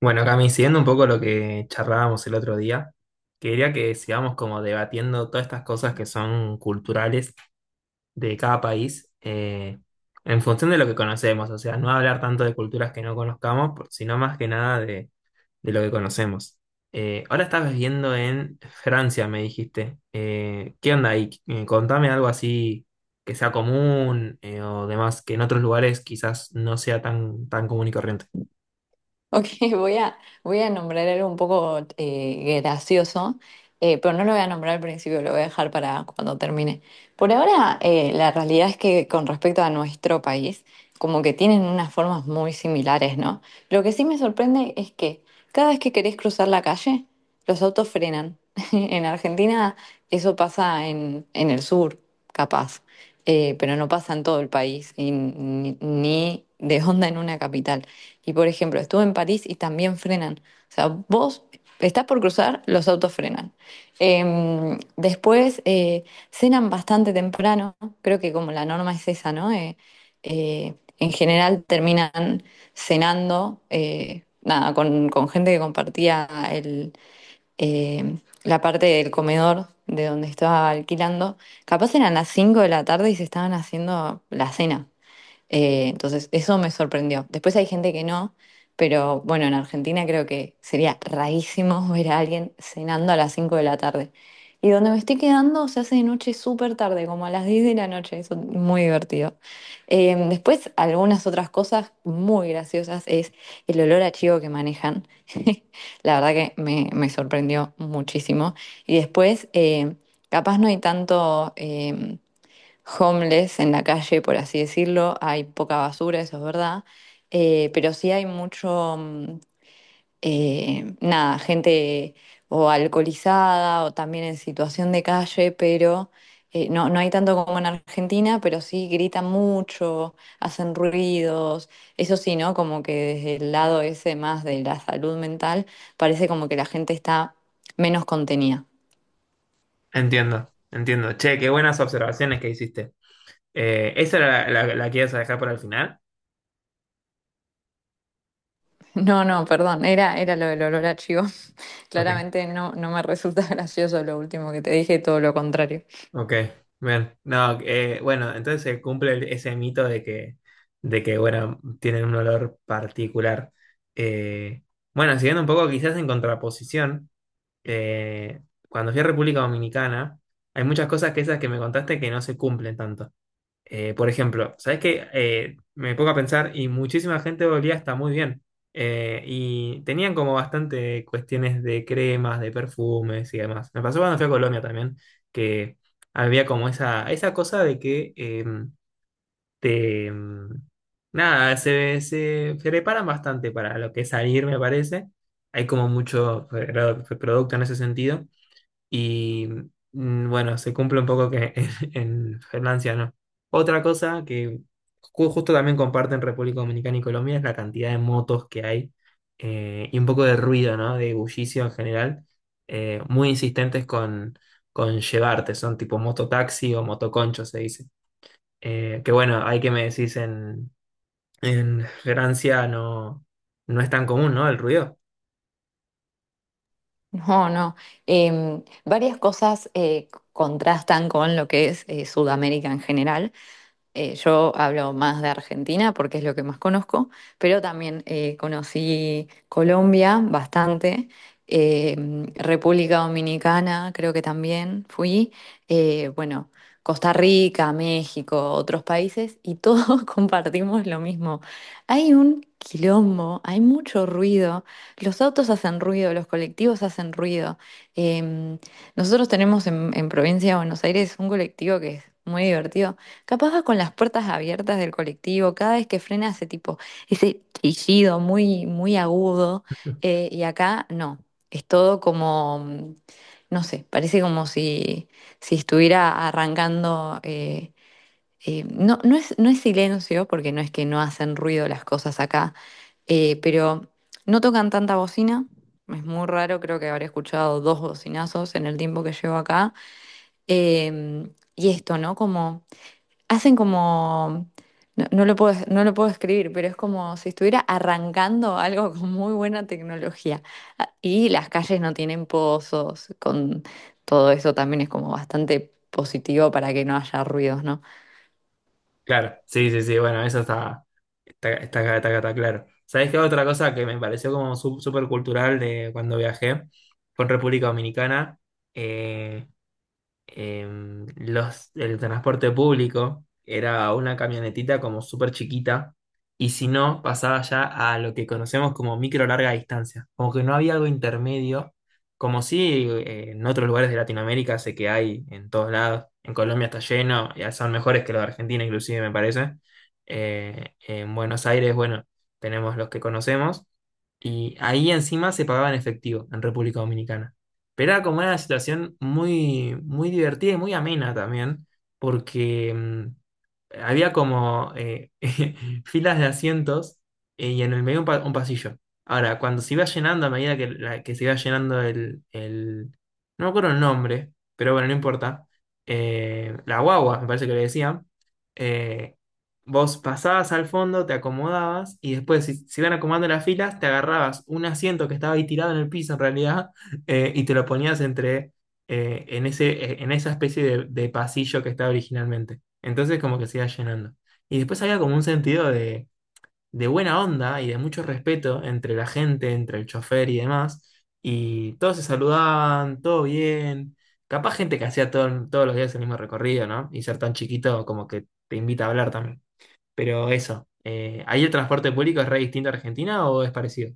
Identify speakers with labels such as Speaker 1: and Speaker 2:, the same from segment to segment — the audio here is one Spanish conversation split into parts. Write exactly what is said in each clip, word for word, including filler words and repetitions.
Speaker 1: Bueno, Cami, siguiendo un poco lo que charlábamos el otro día, quería que sigamos como debatiendo todas estas cosas que son culturales de cada país eh, en función de lo que conocemos, o sea, no hablar tanto de culturas que no conozcamos, por- sino más que nada de, de lo que conocemos. Eh, ahora estás viviendo en Francia, me dijiste. Eh, ¿qué onda ahí? Eh, contame algo así que sea común eh, o demás, que en otros lugares quizás no sea tan, tan común y corriente.
Speaker 2: Ok, voy a, voy a nombrar algo un poco eh, gracioso, eh, pero no lo voy a nombrar al principio, lo voy a dejar para cuando termine. Por ahora, eh, la realidad es que con respecto a nuestro país, como que tienen unas formas muy similares, ¿no? Lo que sí me sorprende es que cada vez que querés cruzar la calle, los autos frenan. En Argentina eso pasa en, en el sur, capaz, eh, pero no pasa en todo el país, y ni ni de onda en una capital. Y por ejemplo, estuve en París y también frenan. O sea, vos estás por cruzar, los autos frenan. Eh, después eh, Cenan bastante temprano, creo que como la norma es esa, ¿no? Eh, eh, en general terminan cenando, eh, nada, con, con gente que compartía el, eh, la parte del comedor de donde estaba alquilando. Capaz eran las cinco de la tarde y se estaban haciendo la cena. Eh, entonces, eso me sorprendió. Después hay gente que no, pero bueno, en Argentina creo que sería rarísimo ver a alguien cenando a las cinco de la tarde. Y donde me estoy quedando se hace de noche súper tarde, como a las diez de la noche. Eso es muy divertido. Eh, después, algunas otras cosas muy graciosas es el olor a chivo que manejan. La verdad que me, me sorprendió muchísimo. Y después, eh, capaz no hay tanto. Em, homeless en la calle, por así decirlo, hay poca basura, eso es verdad, eh, pero sí hay mucho, mm, eh, nada, gente o alcoholizada o también en situación de calle, pero eh, no, no hay tanto como en Argentina, pero sí gritan mucho, hacen ruidos, eso sí, ¿no? Como que desde el lado ese más de la salud mental, parece como que la gente está menos contenida.
Speaker 1: Entiendo, entiendo. Che, qué buenas observaciones que hiciste. Eh, ¿esa era la, la- la que ibas a dejar para el final?
Speaker 2: No, no, perdón, era, era lo del olor a chivo.
Speaker 1: Ok,
Speaker 2: Claramente no, no me resulta gracioso lo último que te dije, todo lo contrario.
Speaker 1: ok, bien. No, eh, bueno, entonces se cumple el- ese mito de que, de que, bueno, tienen un olor particular. Eh, bueno, siguiendo un poco quizás en contraposición, eh, cuando fui a República Dominicana, hay muchas cosas que esas que me contaste que no se cumplen tanto. Eh, por ejemplo, ¿sabes qué? Eh, me pongo a pensar y muchísima gente olía hasta muy bien. Eh, y tenían como bastante cuestiones de cremas, de perfumes y demás. Me pasó cuando fui a Colombia también, que había como esa, esa cosa de que eh, te... mm, nada, se, se preparan bastante para lo que es salir, me parece. Hay como mucho pro- producto en ese sentido. Y mm, bueno, se cumple un poco que en, en Francia no. Otra cosa que ju- justo también comparten República Dominicana y Colombia es la cantidad de motos que hay eh, y un poco de ruido, ¿no? De bullicio en general. eh, muy insistentes con, con llevarte, son tipo mototaxi o motoconcho, se dice. Eh, que bueno, hay que me decís en, en Francia no, no es tan común, ¿no? El ruido.
Speaker 2: No, no. Em, varias cosas eh, contrastan con lo que es eh, Sudamérica en general. Eh, yo hablo más de Argentina porque es lo que más conozco, pero también eh, conocí Colombia bastante, eh, República Dominicana creo que también fui, eh, bueno, Costa Rica, México, otros países y todos compartimos lo mismo. Hay un quilombo, hay mucho ruido, los autos hacen ruido, los colectivos hacen ruido. Em, Nosotros tenemos en, en Provincia de Buenos Aires un colectivo que es muy divertido. Capaz va con las puertas abiertas del colectivo, cada vez que frena hace tipo ese chillido muy, muy agudo, eh, y acá no, es todo como, mm, no sé, parece como si, si estuviera arrancando, eh, eh, no, no es, no es silencio, porque no es que no hacen ruido las cosas acá, eh, pero no tocan tanta bocina, es muy raro, creo que habré escuchado dos bocinazos en el tiempo que llevo acá, em, y esto, ¿no? Como hacen como, no, no lo puedo, no lo puedo escribir, pero es como si estuviera arrancando algo con muy buena tecnología. Ah, y las calles no tienen pozos, con todo eso también es como bastante positivo para que no haya ruidos, ¿no?
Speaker 1: Claro, sí, sí, sí, bueno, eso está. Está, está, está, está- está claro. ¿Sabés qué? Otra cosa que me pareció como súper cultural de cuando viajé fue en República Dominicana. eh, em, los, el transporte público era una camionetita como súper chiquita y si no, pasaba ya a lo que conocemos como micro larga distancia, como que no había algo intermedio, como si eh, en otros lugares de Latinoamérica sé que hay en todos lados, en Colombia está lleno, ya son mejores que los de Argentina inclusive me parece. Eh, en Buenos Aires, bueno, tenemos los que conocemos. Y ahí encima se pagaba en efectivo en República Dominicana. Pero era como una situación muy, muy divertida y muy amena también, porque mm, había como eh, filas de asientos eh, y en el medio un, pa- un pasillo. Ahora, cuando se iba llenando, a medida que, la- que se iba llenando el, el- no me acuerdo el nombre, pero bueno, no importa. eh, la guagua, me parece que le decían. eh, vos pasabas al fondo, te acomodabas y después, si se iban acomodando las filas, te agarrabas un asiento que estaba ahí tirado en el piso en realidad eh, y te lo ponías entre... eh, en ese, en esa especie de de pasillo que estaba originalmente. Entonces como que se iba llenando. Y después había como un sentido de, de buena onda y de mucho respeto entre la gente, entre el chofer y demás. Y todos se saludaban, todo bien. Capaz gente que hacía todo- todos los días el mismo recorrido, ¿no? Y ser tan chiquito como que te invita a hablar también. Pero eso, eh, ¿ahí el transporte público es re distinto a Argentina o es parecido?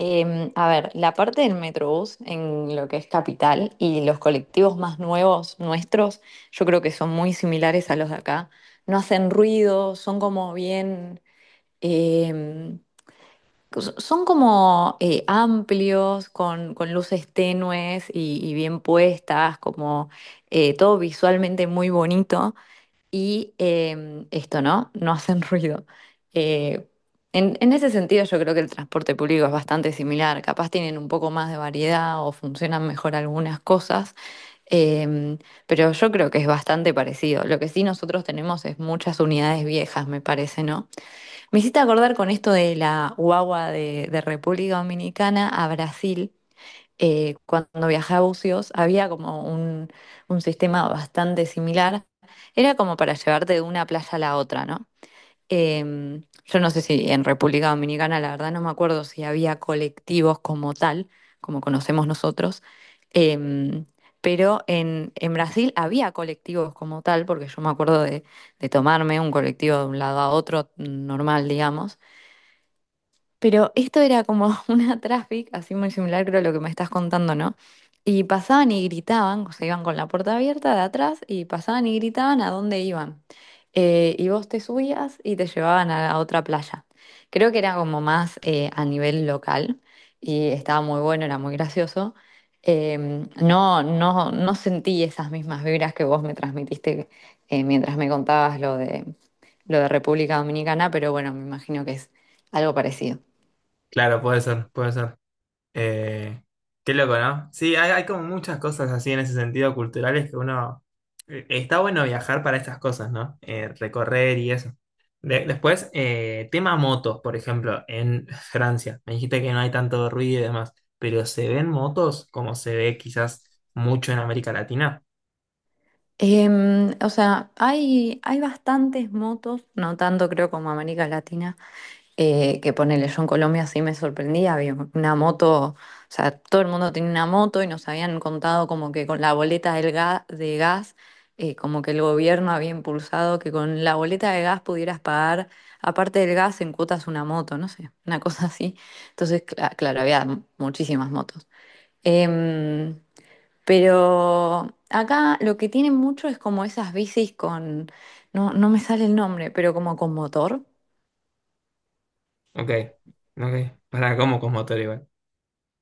Speaker 2: Em, a ver, la parte del Metrobús en lo que es capital y los colectivos más nuevos nuestros, yo creo que son muy similares a los de acá. No hacen ruido, son como bien... em, S- Son como eh, amplios, con, con luces tenues y, y bien puestas, como eh, todo visualmente muy bonito. Y em, esto, ¿no? No hacen ruido. Eh, en, en ese sentido, yo creo que el transporte público es bastante similar. Capaz tienen un poco más de variedad o funcionan mejor algunas cosas. em, pero yo creo que es bastante parecido. Lo que sí nosotros tenemos es muchas unidades viejas, me parece, ¿no? Me hiciste acordar con esto de la guagua de, de República Dominicana a Brasil. Eh, cuando viajé a Bucios había como un, un sistema bastante similar. Era como para llevarte de una playa a la otra, ¿no? Em, yo no sé si en República Dominicana, la verdad no me acuerdo si había colectivos como tal, como conocemos nosotros. Em, pero en, en Brasil había colectivos como tal, porque yo me acuerdo de, de tomarme un colectivo de un lado a otro, normal, digamos. Pero esto era como una traffic, así muy similar creo a lo que me estás contando, ¿no? Y pasaban y gritaban, o sea, iban con la puerta abierta de atrás y pasaban y gritaban a dónde iban. Eh, y vos te subías y te llevaban a, a otra playa. Creo que era como más eh, a nivel local y estaba muy bueno, era muy gracioso. Em, no, no, no sentí esas mismas vibras que vos me transmitiste eh, mientras me contabas lo de, lo de República Dominicana, pero bueno, me imagino que es algo parecido.
Speaker 1: Claro, puede ser, puede ser. Eh, qué loco, ¿no? Sí, hay, hay como muchas cosas así en ese sentido culturales que uno... eh, está bueno viajar para estas cosas, ¿no? Eh, recorrer y eso. De- después, eh, tema motos, por ejemplo, en Francia. Me dijiste que no hay tanto ruido y demás, pero ¿se ven motos como se ve quizás mucho en América Latina?
Speaker 2: Em, o sea, hay, hay bastantes motos, no tanto creo como América Latina, eh, que ponele, yo en Colombia sí me sorprendía, había una moto, o sea, todo el mundo tenía una moto y nos habían contado como que con la boleta del ga- de gas, eh, como que el gobierno había impulsado que con la boleta de gas pudieras pagar, aparte del gas, en cuotas una moto, no sé, una cosa así. Entonces, cla- claro, había muchísimas motos. Em, pero acá lo que tienen mucho es como esas bicis con, no, no me sale el nombre, pero como con motor.
Speaker 1: Ok, ok. Para, ¿cómo con motor igual?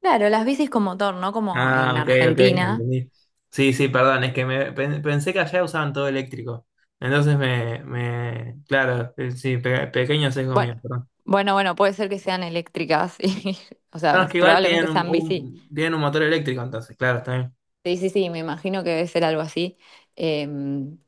Speaker 2: Claro, las bicis con motor, no como en
Speaker 1: Ah, ok, ok, ya
Speaker 2: Argentina.
Speaker 1: entendí. Sí, sí, perdón, es que me, pen- pensé que allá usaban todo eléctrico. Entonces me, me, claro, eh, sí, pe- pequeño sesgo mío,
Speaker 2: Bueno,
Speaker 1: perdón.
Speaker 2: bueno, bueno, puede ser que sean eléctricas, y, o
Speaker 1: No,
Speaker 2: sea,
Speaker 1: es que igual tienen
Speaker 2: probablemente
Speaker 1: un,
Speaker 2: sean bici.
Speaker 1: un- tienen un motor eléctrico, entonces, claro, está bien.
Speaker 2: Sí, sí, sí, me imagino que debe ser algo así. Eh,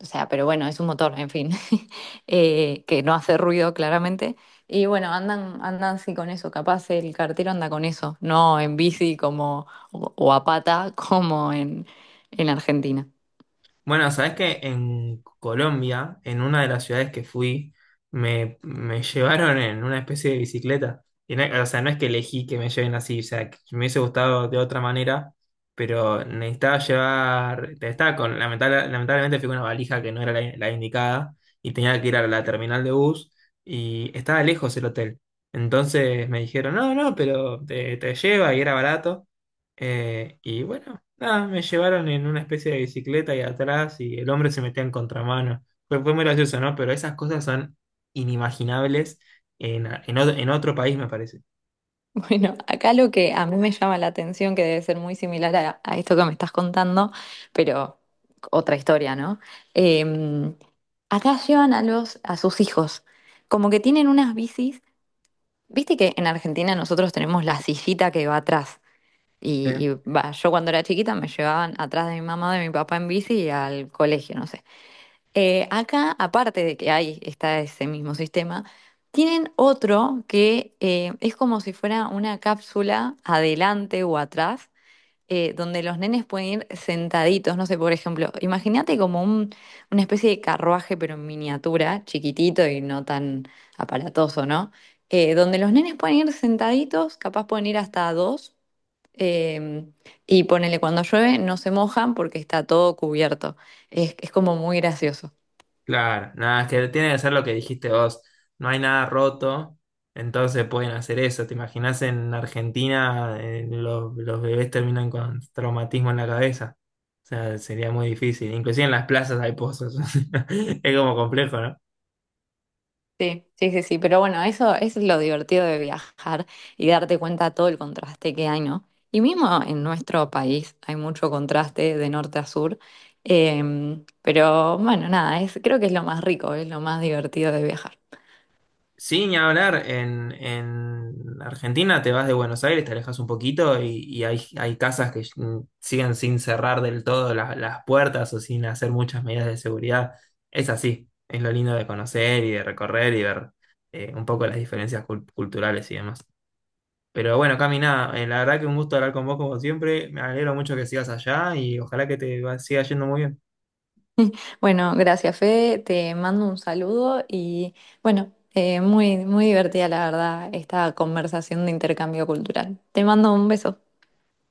Speaker 2: o sea, pero bueno, es un motor, en fin, Eh, que no hace ruido claramente. Y bueno, andan, andan sí con eso, capaz el cartero anda con eso, no en bici como, o, o a pata como en, en Argentina.
Speaker 1: Bueno, sabes que en Colombia, en una de las ciudades que fui, me, me llevaron en una especie de bicicleta. Y no- o sea, no es que elegí que me lleven así, o sea, que me hubiese gustado de otra manera, pero necesitaba llevar, estaba con, lamentable- lamentablemente fui con una valija que no era la, la indicada y tenía que ir a la terminal de bus y estaba lejos el hotel. Entonces me dijeron, no, no, pero te, te lleva y era barato. Eh, y bueno. Nada, me llevaron en una especie de bicicleta y atrás y el hombre se metía en contramano. Fue, fue muy gracioso, ¿no? Pero esas cosas son inimaginables en, en otro, en otro país, me parece.
Speaker 2: Bueno, acá lo que a mí me llama la atención, que debe ser muy similar a, a esto que me estás contando, pero otra historia, ¿no? Em, Acá llevan a los, a sus hijos, como que tienen unas bicis. Viste que en Argentina nosotros tenemos la sillita que va atrás. Y, y
Speaker 1: Sí.
Speaker 2: va, yo cuando era chiquita me llevaban atrás de mi mamá, de mi papá en bici y al colegio, no sé. Eh, acá, aparte de que hay, está ese mismo sistema, tienen otro que eh, es como si fuera una cápsula adelante o atrás, eh, donde los nenes pueden ir sentaditos, no sé, por ejemplo, imagínate como un, una especie de carruaje, pero en miniatura, chiquitito y no tan aparatoso, ¿no? Eh, donde los nenes pueden ir sentaditos, capaz pueden ir hasta dos, eh, y ponele cuando llueve, no se mojan porque está todo cubierto. Es, es como muy gracioso.
Speaker 1: Claro, nada, es que tiene que ser lo que dijiste vos. No hay nada roto, entonces pueden hacer eso. ¿Te imaginas en Argentina eh, los, los bebés terminan con traumatismo en la cabeza? O sea, sería muy difícil. Inclusive en las plazas hay pozos. Es como complejo, ¿no?
Speaker 2: Sí, sí, sí, sí, pero bueno, eso, eso es lo divertido de viajar y darte cuenta todo el contraste que hay, ¿no? Y mismo en nuestro país hay mucho contraste de norte a sur, em, pero bueno, nada, es, creo que es lo más rico, es lo más divertido de viajar.
Speaker 1: Sí, ni hablar, en, en Argentina te vas de Buenos Aires, te alejas un poquito y, y hay, hay casas que mm, siguen sin cerrar del todo la- las puertas o sin hacer muchas medidas de seguridad. Es así, es lo lindo de conocer y de recorrer y ver eh, un poco las diferencias cul- culturales y demás. Pero bueno, Cami, nada, eh, la verdad que un gusto hablar con vos como siempre, me alegro mucho que sigas allá y ojalá que te va- siga yendo muy bien.
Speaker 2: Bueno, gracias, Fe, te mando un saludo y bueno, eh, muy, muy divertida la verdad esta conversación de intercambio cultural. Te mando un beso.